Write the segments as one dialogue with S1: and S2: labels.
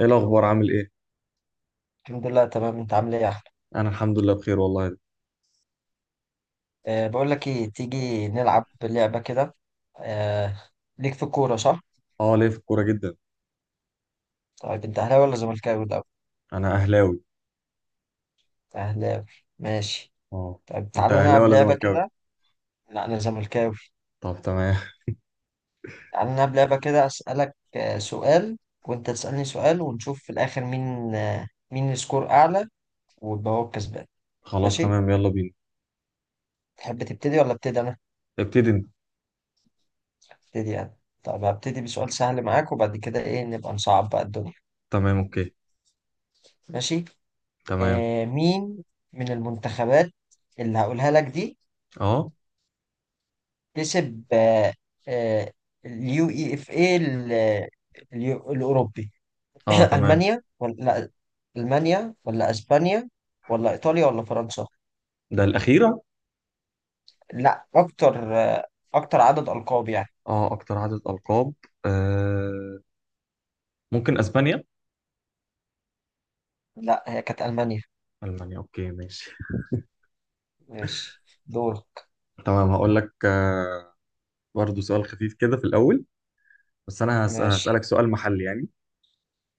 S1: ايه الاخبار؟ عامل ايه؟
S2: الحمد لله، تمام. انت عامل ايه يا احمد؟
S1: انا الحمد لله بخير والله.
S2: بقول لك ايه، تيجي نلعب لعبه كده؟ أه. ليك في الكوره صح؟
S1: اه، ليه في الكوره جدا.
S2: طيب انت اهلاوي ولا زملكاوي الاول؟
S1: انا اهلاوي.
S2: اهلاوي. ماشي.
S1: اه.
S2: طيب
S1: انت
S2: تعالى
S1: اهلاوي
S2: نلعب
S1: ولا
S2: لعبه
S1: زملكاوي؟
S2: كده. لا انا زملكاوي.
S1: طب تمام.
S2: تعالى نلعب لعبه كده، اسالك سؤال وانت تسالني سؤال، ونشوف في الاخر مين مين السكور اعلى، ويبقى هو الكسبان.
S1: خلاص
S2: ماشي.
S1: تمام، يلا بينا.
S2: تحب تبتدي ولا ابتدي انا؟
S1: ابتدي انت.
S2: ابتدي انا. طب هبتدي بسؤال سهل معاك، وبعد كده ايه نبقى نصعب بقى الدنيا.
S1: تمام اوكي.
S2: ماشي.
S1: تمام.
S2: مين من المنتخبات اللي هقولها لك دي
S1: اه
S2: كسب آه، اليو اي اف اي ال- الاوروبي؟
S1: اه. تمام.
S2: المانيا ولا لا، المانيا ولا اسبانيا، ولا ايطاليا ولا فرنسا؟
S1: ده الاخيره؟
S2: لا اكتر، اكتر عدد القاب يعني.
S1: اه، اكتر عدد القاب. آه. ممكن اسبانيا.
S2: لا، هي كانت المانيا.
S1: المانيا اوكي ماشي.
S2: ماشي، دورك.
S1: تمام، هقول لك. برضه سؤال خفيف كده في الاول، بس انا
S2: ماشي.
S1: هسالك سؤال محلي يعني.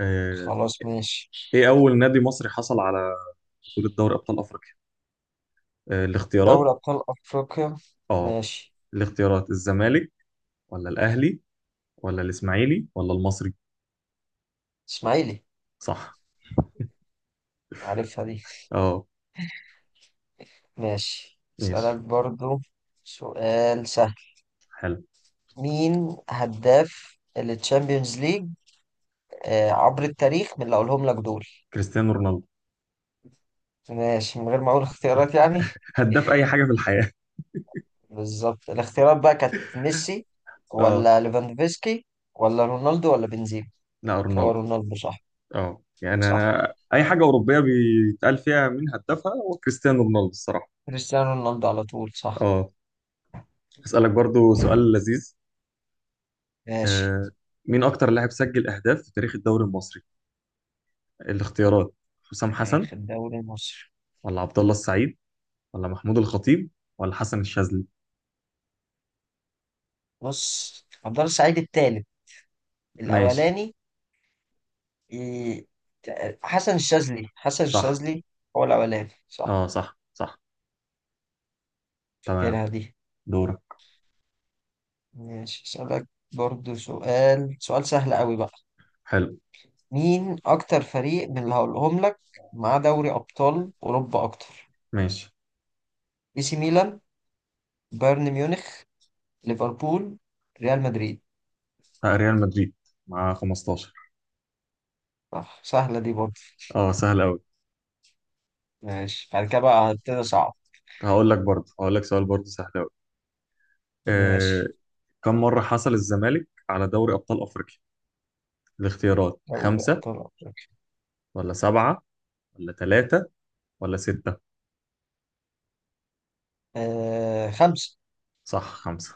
S1: آه.
S2: خلاص ماشي.
S1: ايه اول نادي مصري حصل على بطوله دوري ابطال افريقيا؟ الاختيارات:
S2: دوري ابطال افريقيا؟
S1: اه،
S2: ماشي.
S1: الاختيارات: الزمالك ولا الاهلي ولا الاسماعيلي ولا المصري؟
S2: اسماعيلي.
S1: صح.
S2: عارفها دي.
S1: اه.
S2: ماشي،
S1: ماشي.
S2: اسألك برضو سؤال سهل.
S1: حلو.
S2: مين هداف التشامبيونز ليج عبر التاريخ من اللي اقولهم لك دول؟
S1: كريستيانو رونالدو.
S2: ماشي، من غير ما اقول اختيارات يعني.
S1: هداف اي حاجه في الحياه.
S2: بالظبط. الاختيارات بقى كانت ميسي
S1: اه.
S2: ولا ليفاندوفسكي، ولا رونالدو ولا بنزيما؟
S1: لا،
S2: هو
S1: رونالدو.
S2: رونالدو صح.
S1: اه، يعني
S2: صح،
S1: انا اي حاجه اوروبيه بيتقال فيها مين هدافها هو كريستيانو رونالدو الصراحه.
S2: كريستيانو رونالدو على طول. صح.
S1: اه. اسالك برضو سؤال لذيذ.
S2: ماشي.
S1: آه. مين اكتر لاعب سجل اهداف في تاريخ الدوري المصري؟ الاختيارات: حسام
S2: يعني
S1: حسن
S2: في الدوري المصري؟
S1: ولا عبد الله السعيد ولا محمود الخطيب ولا حسن الشاذلي؟
S2: بص، الدار السعيد التالت،
S1: ماشي.
S2: الأولاني إيه، حسن الشاذلي. حسن
S1: صح.
S2: الشاذلي هو الأولاني صح؟
S1: اه صح صح. تمام.
S2: فاكرها دي.
S1: دورك.
S2: ماشي أسألك برضو سؤال سهل قوي بقى.
S1: حلو.
S2: مين أكتر فريق من اللي هقولهم لك مع دوري أبطال أوروبا أكتر؟
S1: ماشي.
S2: إي سي ميلان، بايرن ميونخ، ليفربول، ريال مدريد.
S1: ريال مدريد، مع 15.
S2: صح، سهلة دي برضو.
S1: اه، سهل قوي.
S2: ماشي، بعد كده بقى هبتدي صعب.
S1: هقول لك سؤال برضه سهل قوي. آه
S2: ماشي.
S1: كم مرة حصل الزمالك على دوري أبطال أفريقيا؟ الاختيارات:
S2: دوري
S1: خمسة
S2: أبطال أفريقيا؟
S1: ولا سبعة ولا ثلاثة ولا ستة؟
S2: آه، خمسة.
S1: صح، خمسة.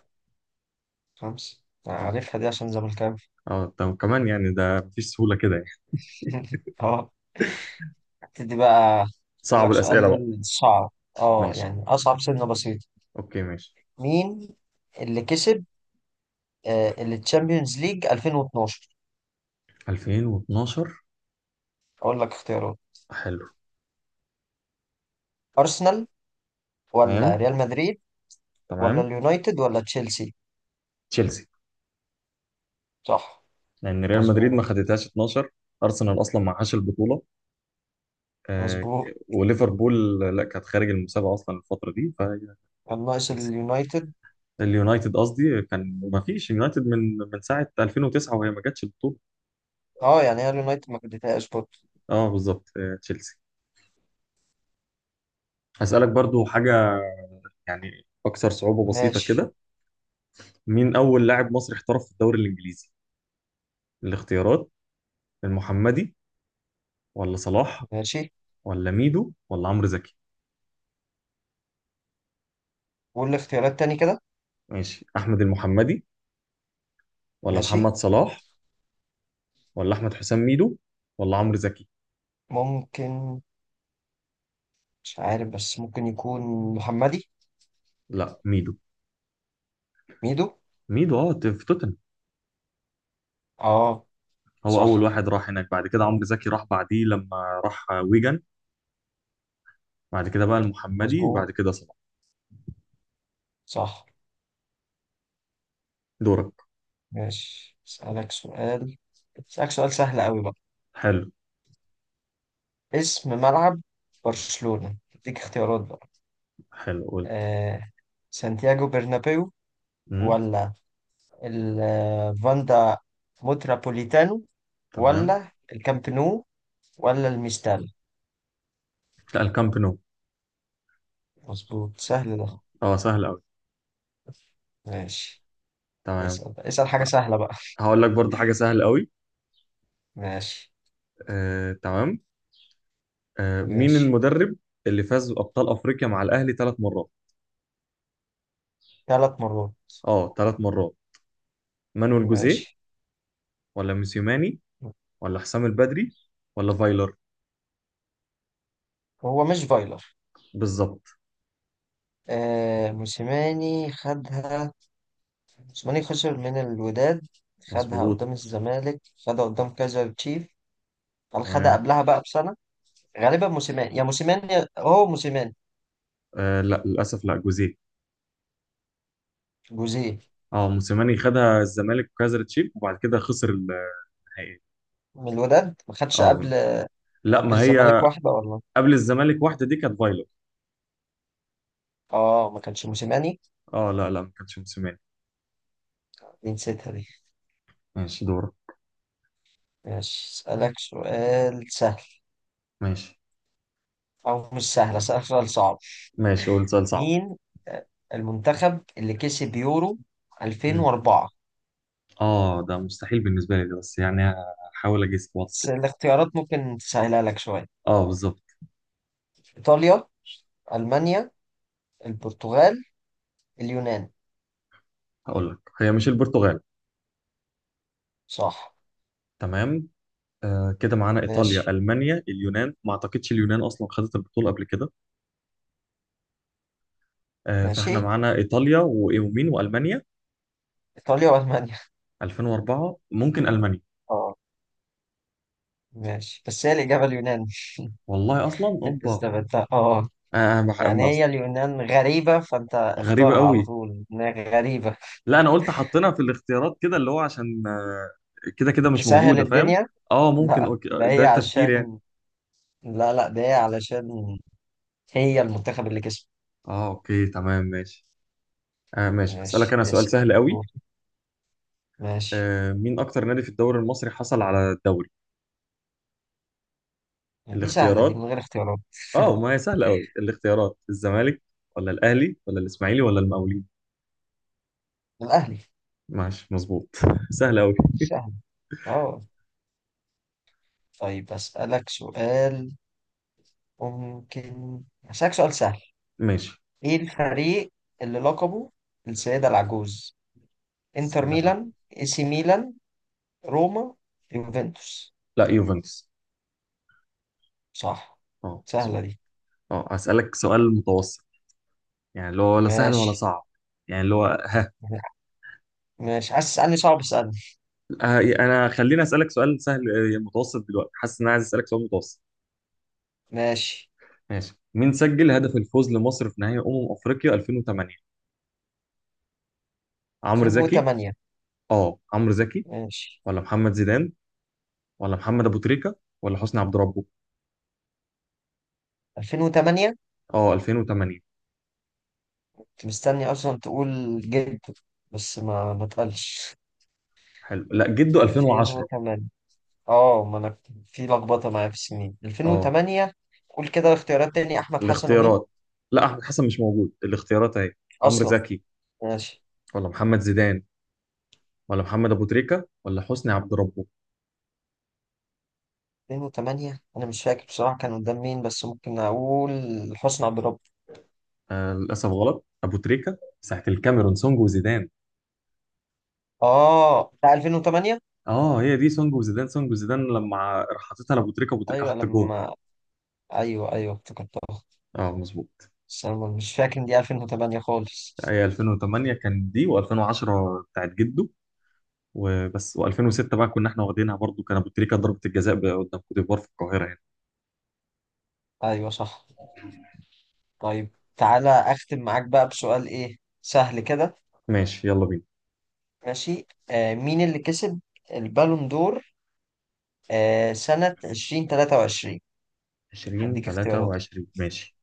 S2: خمسة. أنا
S1: اه.
S2: عارفها دي عشان زملكاوي.
S1: اه، طب كمان يعني ده مفيش سهولة كده يعني.
S2: اه. دي بقى أقول
S1: صعب
S2: لك
S1: الأسئلة بقى.
S2: سؤال صعب، اه
S1: ماشي
S2: يعني أصعب سنة بسيطة.
S1: اوكي ماشي.
S2: مين اللي كسب اللي تشامبيونز ليج 2012؟
S1: 2012.
S2: أقول لك اختيارات:
S1: حلو.
S2: أرسنال ولا
S1: تمام
S2: ريال مدريد، ولا
S1: تمام.
S2: اليونايتد ولا تشيلسي؟
S1: تشيلسي.
S2: صح.
S1: لأن ريال مدريد ما
S2: مظبوط.
S1: خدتهاش 12. أرسنال أصلا ما معهاش البطولة. آه،
S2: مظبوط،
S1: ك- وليفربول لا، كانت خارج المسابقه اصلا الفتره دي فهي.
S2: كان ناقص
S1: تشيلسي.
S2: اليونايتد.
S1: اليونايتد قصدي، كان ما فيش يونايتد من ساعه 2009 وهي ما جاتش البطوله.
S2: اه يعني هي اليونايتد ما كدتهاش برضه.
S1: اه بالظبط. تشيلسي. هسالك برضو حاجه، يعني اكثر صعوبه بسيطه
S2: ماشي.
S1: كده. مين اول لاعب مصري احترف في الدوري الانجليزي؟ الاختيارات: المحمدي ولا صلاح
S2: ماشي،
S1: ولا ميدو ولا عمرو زكي؟
S2: قول لي اختيارات تاني كده.
S1: ماشي. احمد المحمدي ولا
S2: ماشي.
S1: محمد صلاح ولا احمد حسام ميدو ولا عمرو زكي؟
S2: ممكن، مش عارف، بس ممكن يكون محمدي.
S1: لا، ميدو.
S2: ميدو.
S1: ميدو، اه، في توتنهام.
S2: اه.
S1: هو اول
S2: صح.
S1: واحد راح هناك، بعد كده عمرو زكي راح بعديه لما راح ويجن. بعد كده بقى المحمدي وبعد
S2: مظبوط.
S1: كده صلاح.
S2: صح.
S1: دورك.
S2: ماشي، اسألك سؤال، اسألك سؤال سهل قوي بقى.
S1: حلو.
S2: اسم ملعب برشلونة، اديك اختيارات بقى.
S1: حلو قول.
S2: آه سانتياغو برنابيو،
S1: امم
S2: ولا الفاندا مترابوليتانو،
S1: تمام.
S2: ولا الكامب نو، ولا الميستال؟
S1: لا، الكامب نو.
S2: مظبوط، سهل ده.
S1: اه. سهل قوي.
S2: ماشي.
S1: تمام.
S2: اسأل بقى، اسأل حاجة
S1: ه-
S2: سهلة بقى.
S1: هقول لك برضه حاجه سهل قوي.
S2: ماشي.
S1: تمام. مين
S2: ماشي،
S1: المدرب اللي فاز بابطال افريقيا مع الاهلي ثلاث مرات؟
S2: ثلاث مرات.
S1: اه، ثلاث مرات. مانويل جوزيه
S2: ماشي.
S1: ولا موسيماني ولا حسام البدري ولا فايلر؟
S2: هو مش فايلر.
S1: بالظبط.
S2: آه موسيماني خدها. موسيماني خسر من الوداد، خدها
S1: مظبوط.
S2: قدام الزمالك، خدها قدام كايزر تشيف. قال خدها
S1: تمام.
S2: قبلها بقى بسنة. غالبا موسيماني، هو موسيماني.
S1: لا للاسف، لا، جوزيه.
S2: جوزيه.
S1: اه، موسيماني خدها الزمالك وكسرت تشيب وبعد كده خسر النهائي.
S2: من الوداد، ما خدش
S1: اه.
S2: قبل؟
S1: لا
S2: قبل
S1: ما
S2: الزمالك
S1: هي،
S2: واحدة ولا؟
S1: قبل الزمالك واحده دي كانت فايلر.
S2: اه، ما كانش موسيماني.
S1: اه لا لا، ما كانتش موسيماني.
S2: دي نسيتها دي.
S1: ماشي، دورك.
S2: ماشي، اسألك سؤال سهل،
S1: ماشي.
S2: او مش سهل، اسألك سؤال صعب.
S1: ماشي قول سؤال صعب.
S2: مين آه، المنتخب اللي كسب يورو
S1: مم.
S2: 2004؟
S1: اه، ده مستحيل بالنسبه لي ده بس يعني، هحاول اجيس بوقت
S2: بس
S1: كده.
S2: الاختيارات ممكن تسهلها لك شوية.
S1: اه بالظبط.
S2: ايطاليا، المانيا، البرتغال، اليونان.
S1: هقول لك هي مش البرتغال.
S2: صح.
S1: تمام. كده معانا ايطاليا
S2: ماشي.
S1: المانيا اليونان، ما اعتقدش اليونان اصلا خدت البطوله قبل كده. فاحنا
S2: ماشي،
S1: معانا ايطاليا ومين، والمانيا.
S2: إيطاليا وألمانيا.
S1: 2004 ممكن المانيا.
S2: اه. ماشي، بس هي الإجابة اليونان.
S1: والله اصلا
S2: أنت
S1: اوبا.
S2: استبعدتها اه.
S1: انا
S2: يعني
S1: أصلا.
S2: هي اليونان غريبة فأنت
S1: غريبه
S2: اختارها على
S1: قوي.
S2: طول إنها غريبة.
S1: لا انا قلت حطينا في الاختيارات كده اللي هو عشان، كده كده مش
S2: تسهل
S1: موجوده، فاهم؟
S2: الدنيا.
S1: اه ممكن
S2: لا،
S1: اوكي،
S2: ده
S1: ده
S2: هي
S1: التفكير يعني.
S2: عشان، لا لا، ده هي علشان هي المنتخب اللي كسب.
S1: اه اوكي تمام ماشي. ماشي، هسألك
S2: ماشي،
S1: انا سؤال
S2: اسأل.
S1: سهل قوي.
S2: دور. ماشي.
S1: مين اكتر نادي في الدوري المصري حصل على الدوري؟
S2: دي سهلة دي
S1: الاختيارات.
S2: من غير اختيارات.
S1: اه، ما هي سهله قوي، الاختيارات: الزمالك ولا الاهلي ولا الاسماعيلي ولا المقاولين؟
S2: الأهلي.
S1: ماشي مظبوط. سهله قوي.
S2: سهل. اه. طيب أسألك سؤال، ممكن أسألك سؤال سهل.
S1: ماشي.
S2: ايه الفريق اللي لقبه السيدة العجوز؟ انتر
S1: السيدة
S2: ميلان،
S1: معكوس.
S2: اي سي ميلان، روما، يوفنتوس؟
S1: لا، يوفنتوس.
S2: صح.
S1: اه
S2: سهلة
S1: مظبوط.
S2: دي.
S1: اه، هسألك سؤال متوسط، يعني اللي هو ولا سهل ولا
S2: ماشي.
S1: صعب، يعني اللي هو،
S2: ماشي، عايز تسألني صعب اسألني.
S1: انا خليني اسالك سؤال سهل، متوسط دلوقتي، حاسس ان انا عايز اسالك سؤال متوسط.
S2: ماشي.
S1: ماشي، مين سجل هدف الفوز لمصر في نهائي افريقيا 2008؟ عمرو زكي.
S2: 2008؟
S1: اه، عمرو زكي
S2: ماشي.
S1: ولا محمد زيدان ولا محمد ابو تريكه ولا حسني عبد ربه؟
S2: 2008،
S1: اه، 2008.
S2: كنت مستني اصلا تقول جد، بس ما تقلش.
S1: حلو، لا، جده 2010.
S2: 2008. اه، ما انا في لخبطة معايا في السنين.
S1: اه.
S2: 2008؟ قول كده الاختيارات تاني، احمد حسن ومين؟
S1: الاختيارات: لا، احمد حسن مش موجود، الاختيارات اهي: عمرو
S2: اصلا.
S1: زكي
S2: ماشي.
S1: ولا محمد زيدان ولا محمد ابو تريكه ولا حسني عبد ربه؟
S2: 2008، انا مش فاكر بصراحه كان قدام مين، بس ممكن اقول حسني عبد الرب.
S1: للاسف غلط، ابو تريكه ساعه الكاميرون، سونج وزيدان.
S2: اه بتاع 2008؟
S1: اه، هي دي سونج وزيدان، سونج وزيدان لما راح حاططها لابو تريكه، ابو تريكه
S2: ايوه
S1: حط الجون.
S2: لما، ايوه ايوه افتكرتها.
S1: اه مظبوط.
S2: بس انا مش فاكر ان دي 2008 خالص.
S1: هي 2008 كان دي، و2010 بتاعت جده وبس، و2006 بقى كنا احنا واخدينها برضو، كان ابو تريكه ضربه الجزاء قدام كوت ديفوار في القاهره يعني.
S2: ايوه صح. طيب، تعالى اختم معاك بقى بسؤال ايه سهل كده.
S1: ماشي، يلا بينا.
S2: ماشي. آه مين اللي كسب البالون دور آه سنه 2023؟
S1: 20
S2: هديك اختيارات.
S1: 23 ماشي.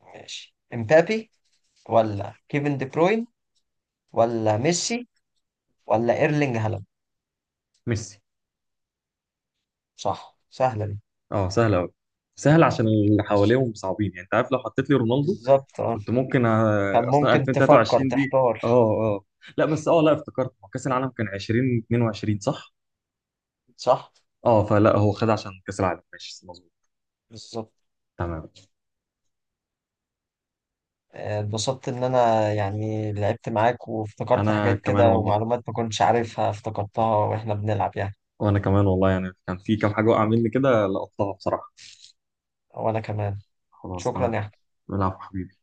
S2: ماشي. امبابي، ولا كيفن دي بروين، ولا ميسي، ولا ايرلينج هالاند؟
S1: ميسي.
S2: صح، سهله دي.
S1: اه، سهل قوي. سهل عشان اللي حواليهم صعبين، يعني انت عارف لو حطيت لي رونالدو،
S2: بالظبط اه.
S1: كنت ممكن،
S2: كان
S1: اصلا
S2: ممكن تفكر
S1: 2023 دي.
S2: تحتار.
S1: اه. لا بس اه، لا، افتكرت هو كاس العالم كان 2022 صح؟
S2: صح.
S1: اه فلا، هو خد عشان كاس العالم. ماشي مظبوط.
S2: بالظبط.
S1: تمام.
S2: اتبسطت ان انا يعني لعبت معاك وافتكرت
S1: انا
S2: حاجات
S1: كمان
S2: كده
S1: والله.
S2: ومعلومات ما كنتش عارفها افتكرتها واحنا بنلعب يعني.
S1: وانا كمان والله، يعني كان في كام حاجه وقع مني كده لقطتها بصراحه.
S2: وانا كمان.
S1: خلاص
S2: شكرا
S1: تمام.
S2: يا
S1: العفو حبيبي.